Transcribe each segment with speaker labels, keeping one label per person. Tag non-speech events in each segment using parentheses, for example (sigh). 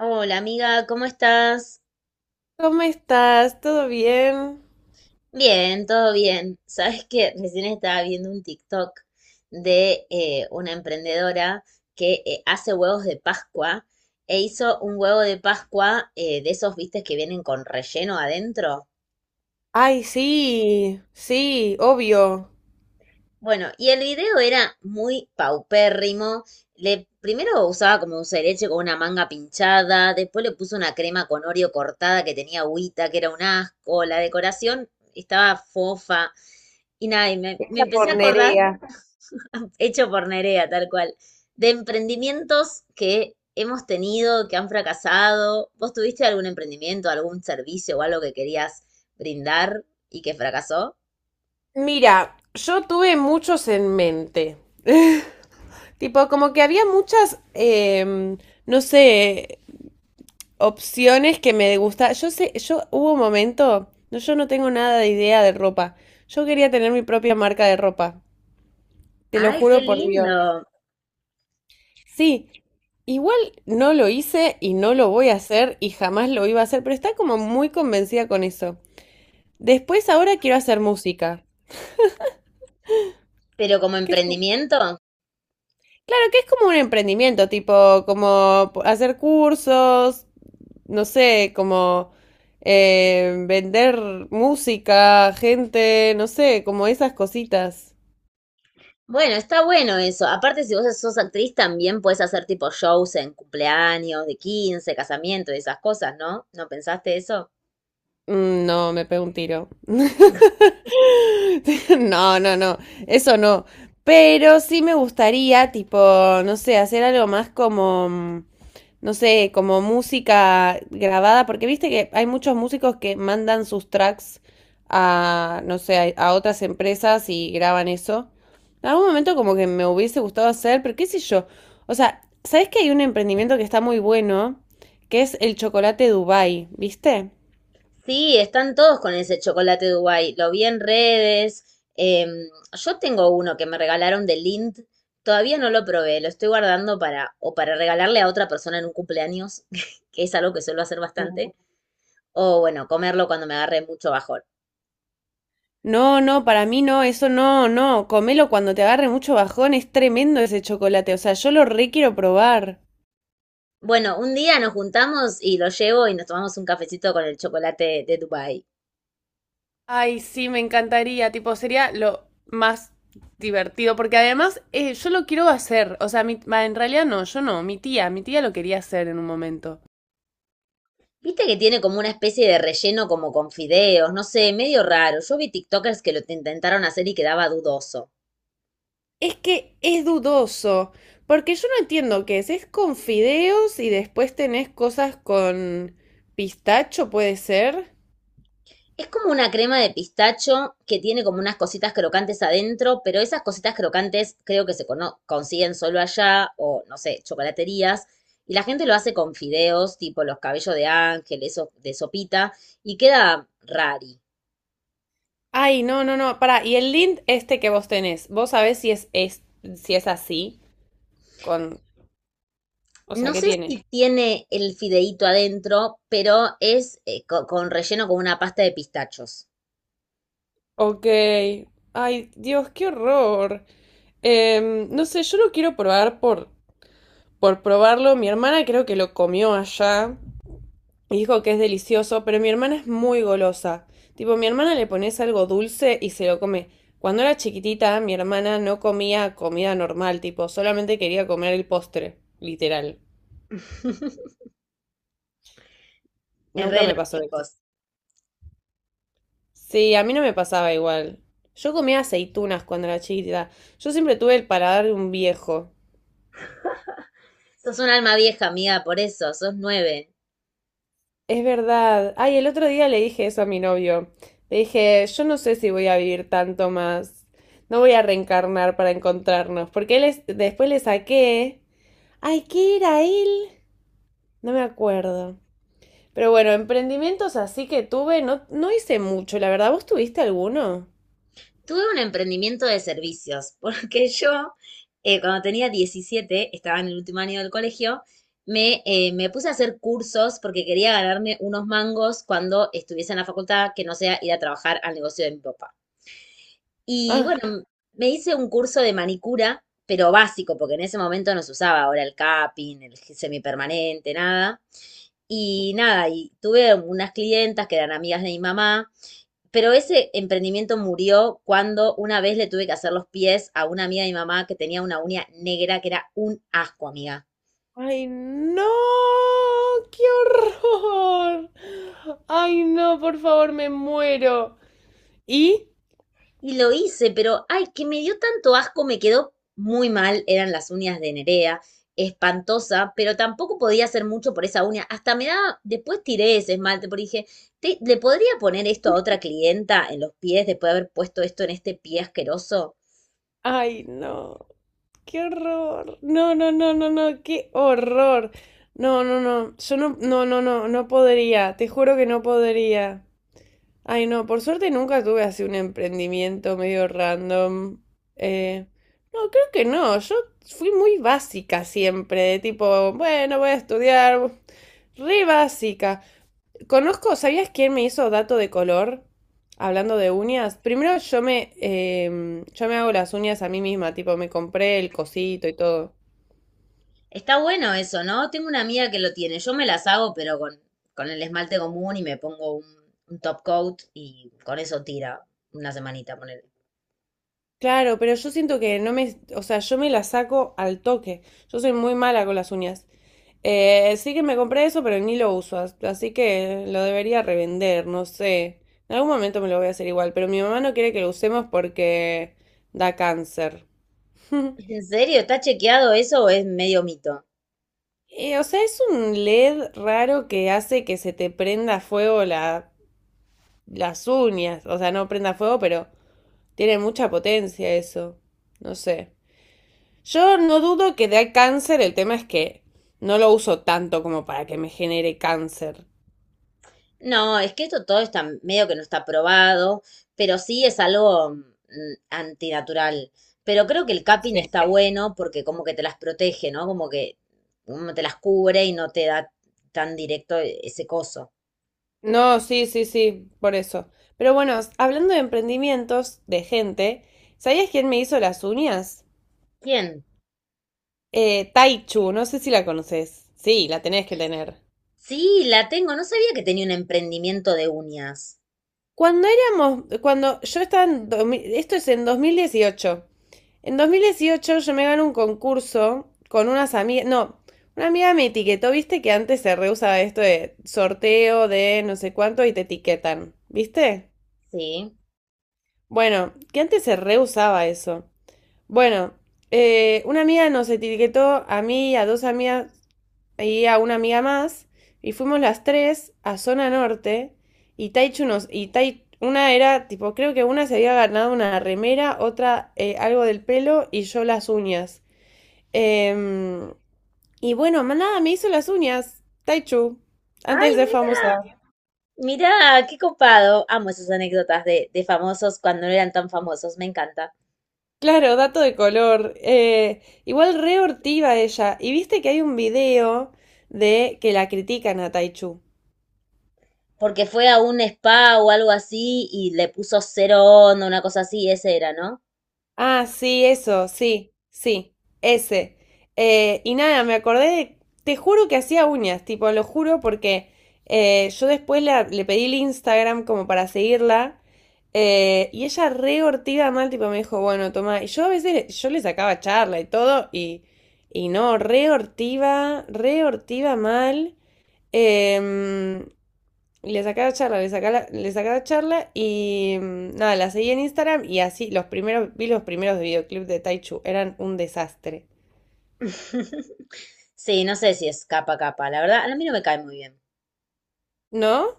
Speaker 1: Hola amiga, ¿cómo estás?
Speaker 2: ¿Cómo estás? ¿Todo bien?
Speaker 1: Bien, todo bien. Sabes que recién estaba viendo un TikTok de una emprendedora que hace huevos de Pascua e hizo un huevo de Pascua de esos, viste, que vienen con relleno adentro.
Speaker 2: Ay, sí, sí, obvio.
Speaker 1: Bueno, y el video era muy paupérrimo. Primero usaba como dulce de leche con una manga pinchada, después le puso una crema con Oreo cortada que tenía agüita, que era un asco. La decoración estaba fofa. Y nada, me
Speaker 2: Esa
Speaker 1: empecé a
Speaker 2: por
Speaker 1: acordar,
Speaker 2: Nerea.
Speaker 1: hecho por Nerea, tal cual, de emprendimientos que hemos tenido, que han fracasado. ¿Vos tuviste algún emprendimiento, algún servicio o algo que querías brindar y que fracasó?
Speaker 2: Mira, yo tuve muchos en mente. Tipo, como que había muchas, no sé, opciones que me gustaban. Yo sé, yo hubo un momento, no, yo no tengo nada de idea de ropa. Yo quería tener mi propia marca de ropa. Te lo
Speaker 1: ¡Ay, qué
Speaker 2: juro por Dios.
Speaker 1: lindo!
Speaker 2: Sí, igual no lo hice y no lo voy a hacer y jamás lo iba a hacer, pero está como muy convencida con eso. Después ahora quiero hacer música.
Speaker 1: Pero como
Speaker 2: Claro
Speaker 1: emprendimiento.
Speaker 2: que es como un emprendimiento, tipo, como hacer cursos, no sé, como vender música, gente, no sé, como esas cositas.
Speaker 1: Bueno, está bueno eso. Aparte, si vos sos actriz, también puedes hacer tipo shows en cumpleaños, de 15, casamiento y esas cosas, ¿no? ¿No pensaste eso?
Speaker 2: No, me pego un tiro. (laughs) (laughs) No, no, no, eso no. Pero sí me gustaría, tipo, no sé, hacer algo más como, no sé, como música grabada, porque viste que hay muchos músicos que mandan sus tracks a, no sé, a, otras empresas y graban eso. En algún momento como que me hubiese gustado hacer, pero qué sé yo. O sea, ¿sabes que hay un emprendimiento que está muy bueno, que es el chocolate Dubai? ¿Viste?
Speaker 1: Sí, están todos con ese chocolate Dubai. Lo vi en redes. em, yo tengo uno que me regalaron de Lind. Todavía no lo probé. Lo estoy guardando para o para regalarle a otra persona en un cumpleaños, (laughs) que es algo que suelo hacer bastante. O bueno, comerlo cuando me agarre mucho bajón.
Speaker 2: No, no, para mí no, eso no, no, comelo cuando te agarre mucho bajón, es tremendo ese chocolate. O sea, yo lo re quiero probar.
Speaker 1: Bueno, un día nos juntamos y lo llevo y nos tomamos un cafecito con el chocolate de Dubai.
Speaker 2: Ay, sí, me encantaría, tipo, sería lo más divertido, porque además yo lo quiero hacer. O sea, mi, bah, en realidad no, yo no, mi tía lo quería hacer en un momento.
Speaker 1: Viste que tiene como una especie de relleno como con fideos, no sé, medio raro. Yo vi TikTokers que intentaron hacer y quedaba dudoso.
Speaker 2: Es que es dudoso, porque yo no entiendo qué es con fideos y después tenés cosas con pistacho, puede ser.
Speaker 1: Es como una crema de pistacho que tiene como unas cositas crocantes adentro, pero esas cositas crocantes creo que consiguen solo allá o, no sé, chocolaterías. Y la gente lo hace con fideos, tipo los cabellos de ángel, eso de sopita, y queda rari.
Speaker 2: Ay, no, no, no, pará. Y el lint este que vos tenés, ¿vos sabés si es, es si es así? Con, o sea,
Speaker 1: No
Speaker 2: ¿qué
Speaker 1: sé
Speaker 2: tiene?
Speaker 1: si tiene el fideíto adentro, pero es con relleno con una pasta de pistachos.
Speaker 2: Ok. Ay, Dios, qué horror. No sé, yo lo quiero probar por probarlo. Mi hermana creo que lo comió allá y dijo que es delicioso, pero mi hermana es muy golosa. Tipo, mi hermana le pones algo dulce y se lo come. Cuando era chiquitita, mi hermana no comía comida normal, tipo, solamente quería comer el postre, literal.
Speaker 1: (laughs) Es
Speaker 2: Nunca
Speaker 1: de
Speaker 2: me
Speaker 1: los
Speaker 2: pasó eso.
Speaker 1: chicos.
Speaker 2: Sí, a mí no me pasaba igual. Yo comía aceitunas cuando era chiquita. Yo siempre tuve el paladar de un viejo.
Speaker 1: Sos un alma vieja, amiga, por eso, sos nueve.
Speaker 2: Es verdad. Ay, el otro día le dije eso a mi novio. Le dije, yo no sé si voy a vivir tanto más. No voy a reencarnar para encontrarnos. Porque después le saqué. Ay, ¿qué era él? No me acuerdo. Pero bueno, emprendimientos así que tuve, no, no hice mucho, la verdad. ¿Vos tuviste alguno?
Speaker 1: Tuve un emprendimiento de servicios, (laughs) porque cuando tenía 17, estaba en el último año del colegio, me puse a hacer cursos porque quería ganarme unos mangos cuando estuviese en la facultad, que no sea ir a trabajar al negocio de mi papá. Y
Speaker 2: Ah.
Speaker 1: bueno, me hice un curso de manicura, pero básico, porque en ese momento no se usaba ahora el capping, el semipermanente, nada. Y nada, y tuve unas clientas que eran amigas de mi mamá, pero ese emprendimiento murió cuando una vez le tuve que hacer los pies a una amiga de mi mamá que tenía una uña negra que era un asco, amiga.
Speaker 2: Ay, no, qué horror. Ay, no, por favor, me muero. ¿Y?
Speaker 1: Y lo hice, pero ay, que me dio tanto asco, me quedó muy mal, eran las uñas de Nerea, espantosa, pero tampoco podía hacer mucho por esa uña. Hasta me daba, después tiré ese esmalte, porque dije, "Te- ¿le podría poner esto a otra clienta en los pies después de haber puesto esto en este pie asqueroso?
Speaker 2: Ay, no, qué horror. No, no, no, no, no, qué horror. No, no, no, yo no, no, no, no, no podría, te juro que no podría. Ay, no, por suerte nunca tuve así un emprendimiento medio random. Eh, no, creo que no, yo fui muy básica siempre, de tipo, bueno, voy a estudiar. Re básica. Conozco, ¿sabías quién me hizo dato de color? Hablando de uñas. Primero yo me hago las uñas a mí misma, tipo me compré el cosito y todo.
Speaker 1: Está bueno eso, ¿no? Tengo una amiga que lo tiene. Yo me las hago, pero con el esmalte común y me pongo un top coat y con eso tira una semanita, ponele.
Speaker 2: Claro, pero yo siento que no me, o sea, yo me las saco al toque. Yo soy muy mala con las uñas. Sí que me compré eso, pero ni lo uso, así que lo debería revender, no sé. En algún momento me lo voy a hacer igual, pero mi mamá no quiere que lo usemos porque da cáncer. (laughs)
Speaker 1: ¿En serio? ¿Está chequeado eso o es medio mito?
Speaker 2: O sea, es un LED raro que hace que se te prenda fuego la, las uñas. O sea, no prenda fuego, pero tiene mucha potencia eso. No sé. Yo no dudo que dé cáncer, el tema es que no lo uso tanto como para que me genere cáncer.
Speaker 1: No, es que esto todo está medio que no está probado, pero sí es algo antinatural. Pero creo que el capping
Speaker 2: Sí.
Speaker 1: está bueno porque como que te las protege, ¿no? Como que como te las cubre y no te da tan directo ese coso.
Speaker 2: No, sí, sí, sí, por eso. Pero bueno, hablando de emprendimientos de gente, ¿sabías quién me hizo las uñas?
Speaker 1: ¿Quién?
Speaker 2: Taichu, no sé si la conoces. Sí, la tenés que tener.
Speaker 1: Sí, la tengo. No sabía que tenía un emprendimiento de uñas.
Speaker 2: Cuando yo estaba en 2000, esto es en 2018. En 2018 yo me gané un concurso con unas amigas, no, una amiga me etiquetó. Viste que antes se reusaba esto de sorteo de no sé cuánto y te etiquetan, ¿viste?
Speaker 1: Sí.
Speaker 2: Bueno, que antes se reusaba eso. Bueno, una amiga nos etiquetó a mí y a dos amigas y a una amiga más, y fuimos las tres a Zona Norte, y Tai, una era, tipo, creo que una se había ganado una remera, otra algo del pelo, y yo las uñas. Em, y bueno, más nada, me hizo las uñas Taichu,
Speaker 1: Ay,
Speaker 2: antes de ser
Speaker 1: mira,
Speaker 2: famosa.
Speaker 1: mira, qué copado. Amo esas anécdotas de famosos cuando no eran tan famosos. Me encanta.
Speaker 2: Claro, dato de color. Igual re hortiva ella. Y viste que hay un video de que la critican a Taichu.
Speaker 1: Porque fue a un spa o algo así y le puso cero onda, una cosa así. Ese era, ¿no?
Speaker 2: Ah, sí, eso, sí, sí, ese. Y nada, me acordé de, te juro que hacía uñas, tipo, lo juro porque yo después le pedí el Instagram como para seguirla, y ella re ortiga mal. Tipo, me dijo, bueno, toma, y yo a veces, yo le sacaba charla y todo y no, re ortiva mal. Em, y le saca la charla, le saca la charla y nada, la seguí en Instagram y así los primeros, vi los primeros videoclips de Taichu, eran un desastre.
Speaker 1: (laughs) Sí, no sé si es capa capa. La verdad, a mí no me cae muy bien.
Speaker 2: ¿No?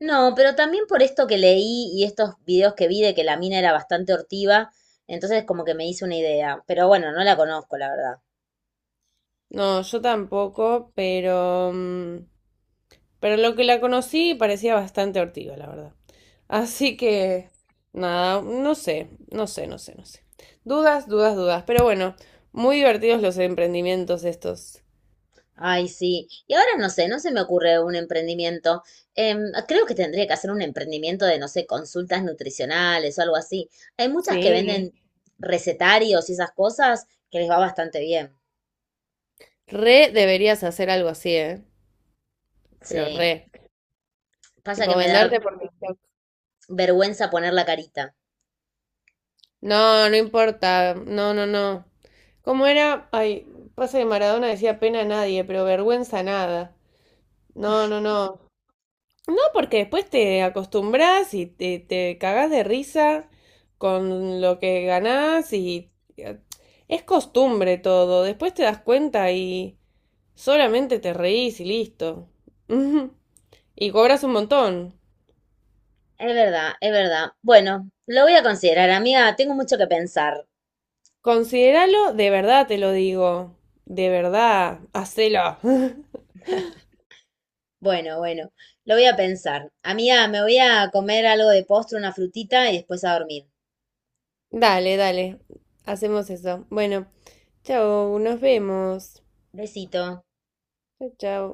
Speaker 1: No, pero también por esto que leí y estos videos que vi de que la mina era bastante hortiva. Entonces como que me hice una idea. Pero bueno, no la conozco, la verdad.
Speaker 2: No, yo tampoco, pero lo que la conocí parecía bastante ortiga la verdad. Así que, nada, no sé, no sé, no sé, no sé. Dudas, dudas, dudas, pero bueno, muy divertidos los emprendimientos estos.
Speaker 1: Ay, sí. Y ahora no sé, no se me ocurre un emprendimiento. Creo que tendría que hacer un emprendimiento de, no sé, consultas nutricionales o algo así. Hay muchas que
Speaker 2: Sí.
Speaker 1: venden recetarios y esas cosas que les va bastante bien.
Speaker 2: Re deberías hacer algo así, ¿eh? Pero
Speaker 1: Sí.
Speaker 2: re.
Speaker 1: Pasa
Speaker 2: Tipo
Speaker 1: que me da
Speaker 2: venderte por...
Speaker 1: vergüenza poner la carita.
Speaker 2: No, no importa. No, no, no. ¿Cómo era? Ay, pasa que Maradona decía pena a nadie, pero vergüenza nada. No, no, no. No, porque después te acostumbras y te cagás de risa con lo que ganás y eh, es costumbre todo. Después te das cuenta y solamente te reís y listo. (laughs) Ujú. Y cobras un montón.
Speaker 1: Es verdad, es verdad. Bueno, lo voy a considerar, amiga. Tengo mucho que pensar.
Speaker 2: Considéralo de verdad, te lo digo. De verdad, hacelo. (laughs)
Speaker 1: Bueno, bueno, lo voy a pensar. Amiga, me voy a comer algo de postre, una frutita y después a dormir.
Speaker 2: Dale, dale. Hacemos eso. Bueno, chao, nos vemos.
Speaker 1: Besito.
Speaker 2: Chao, chao.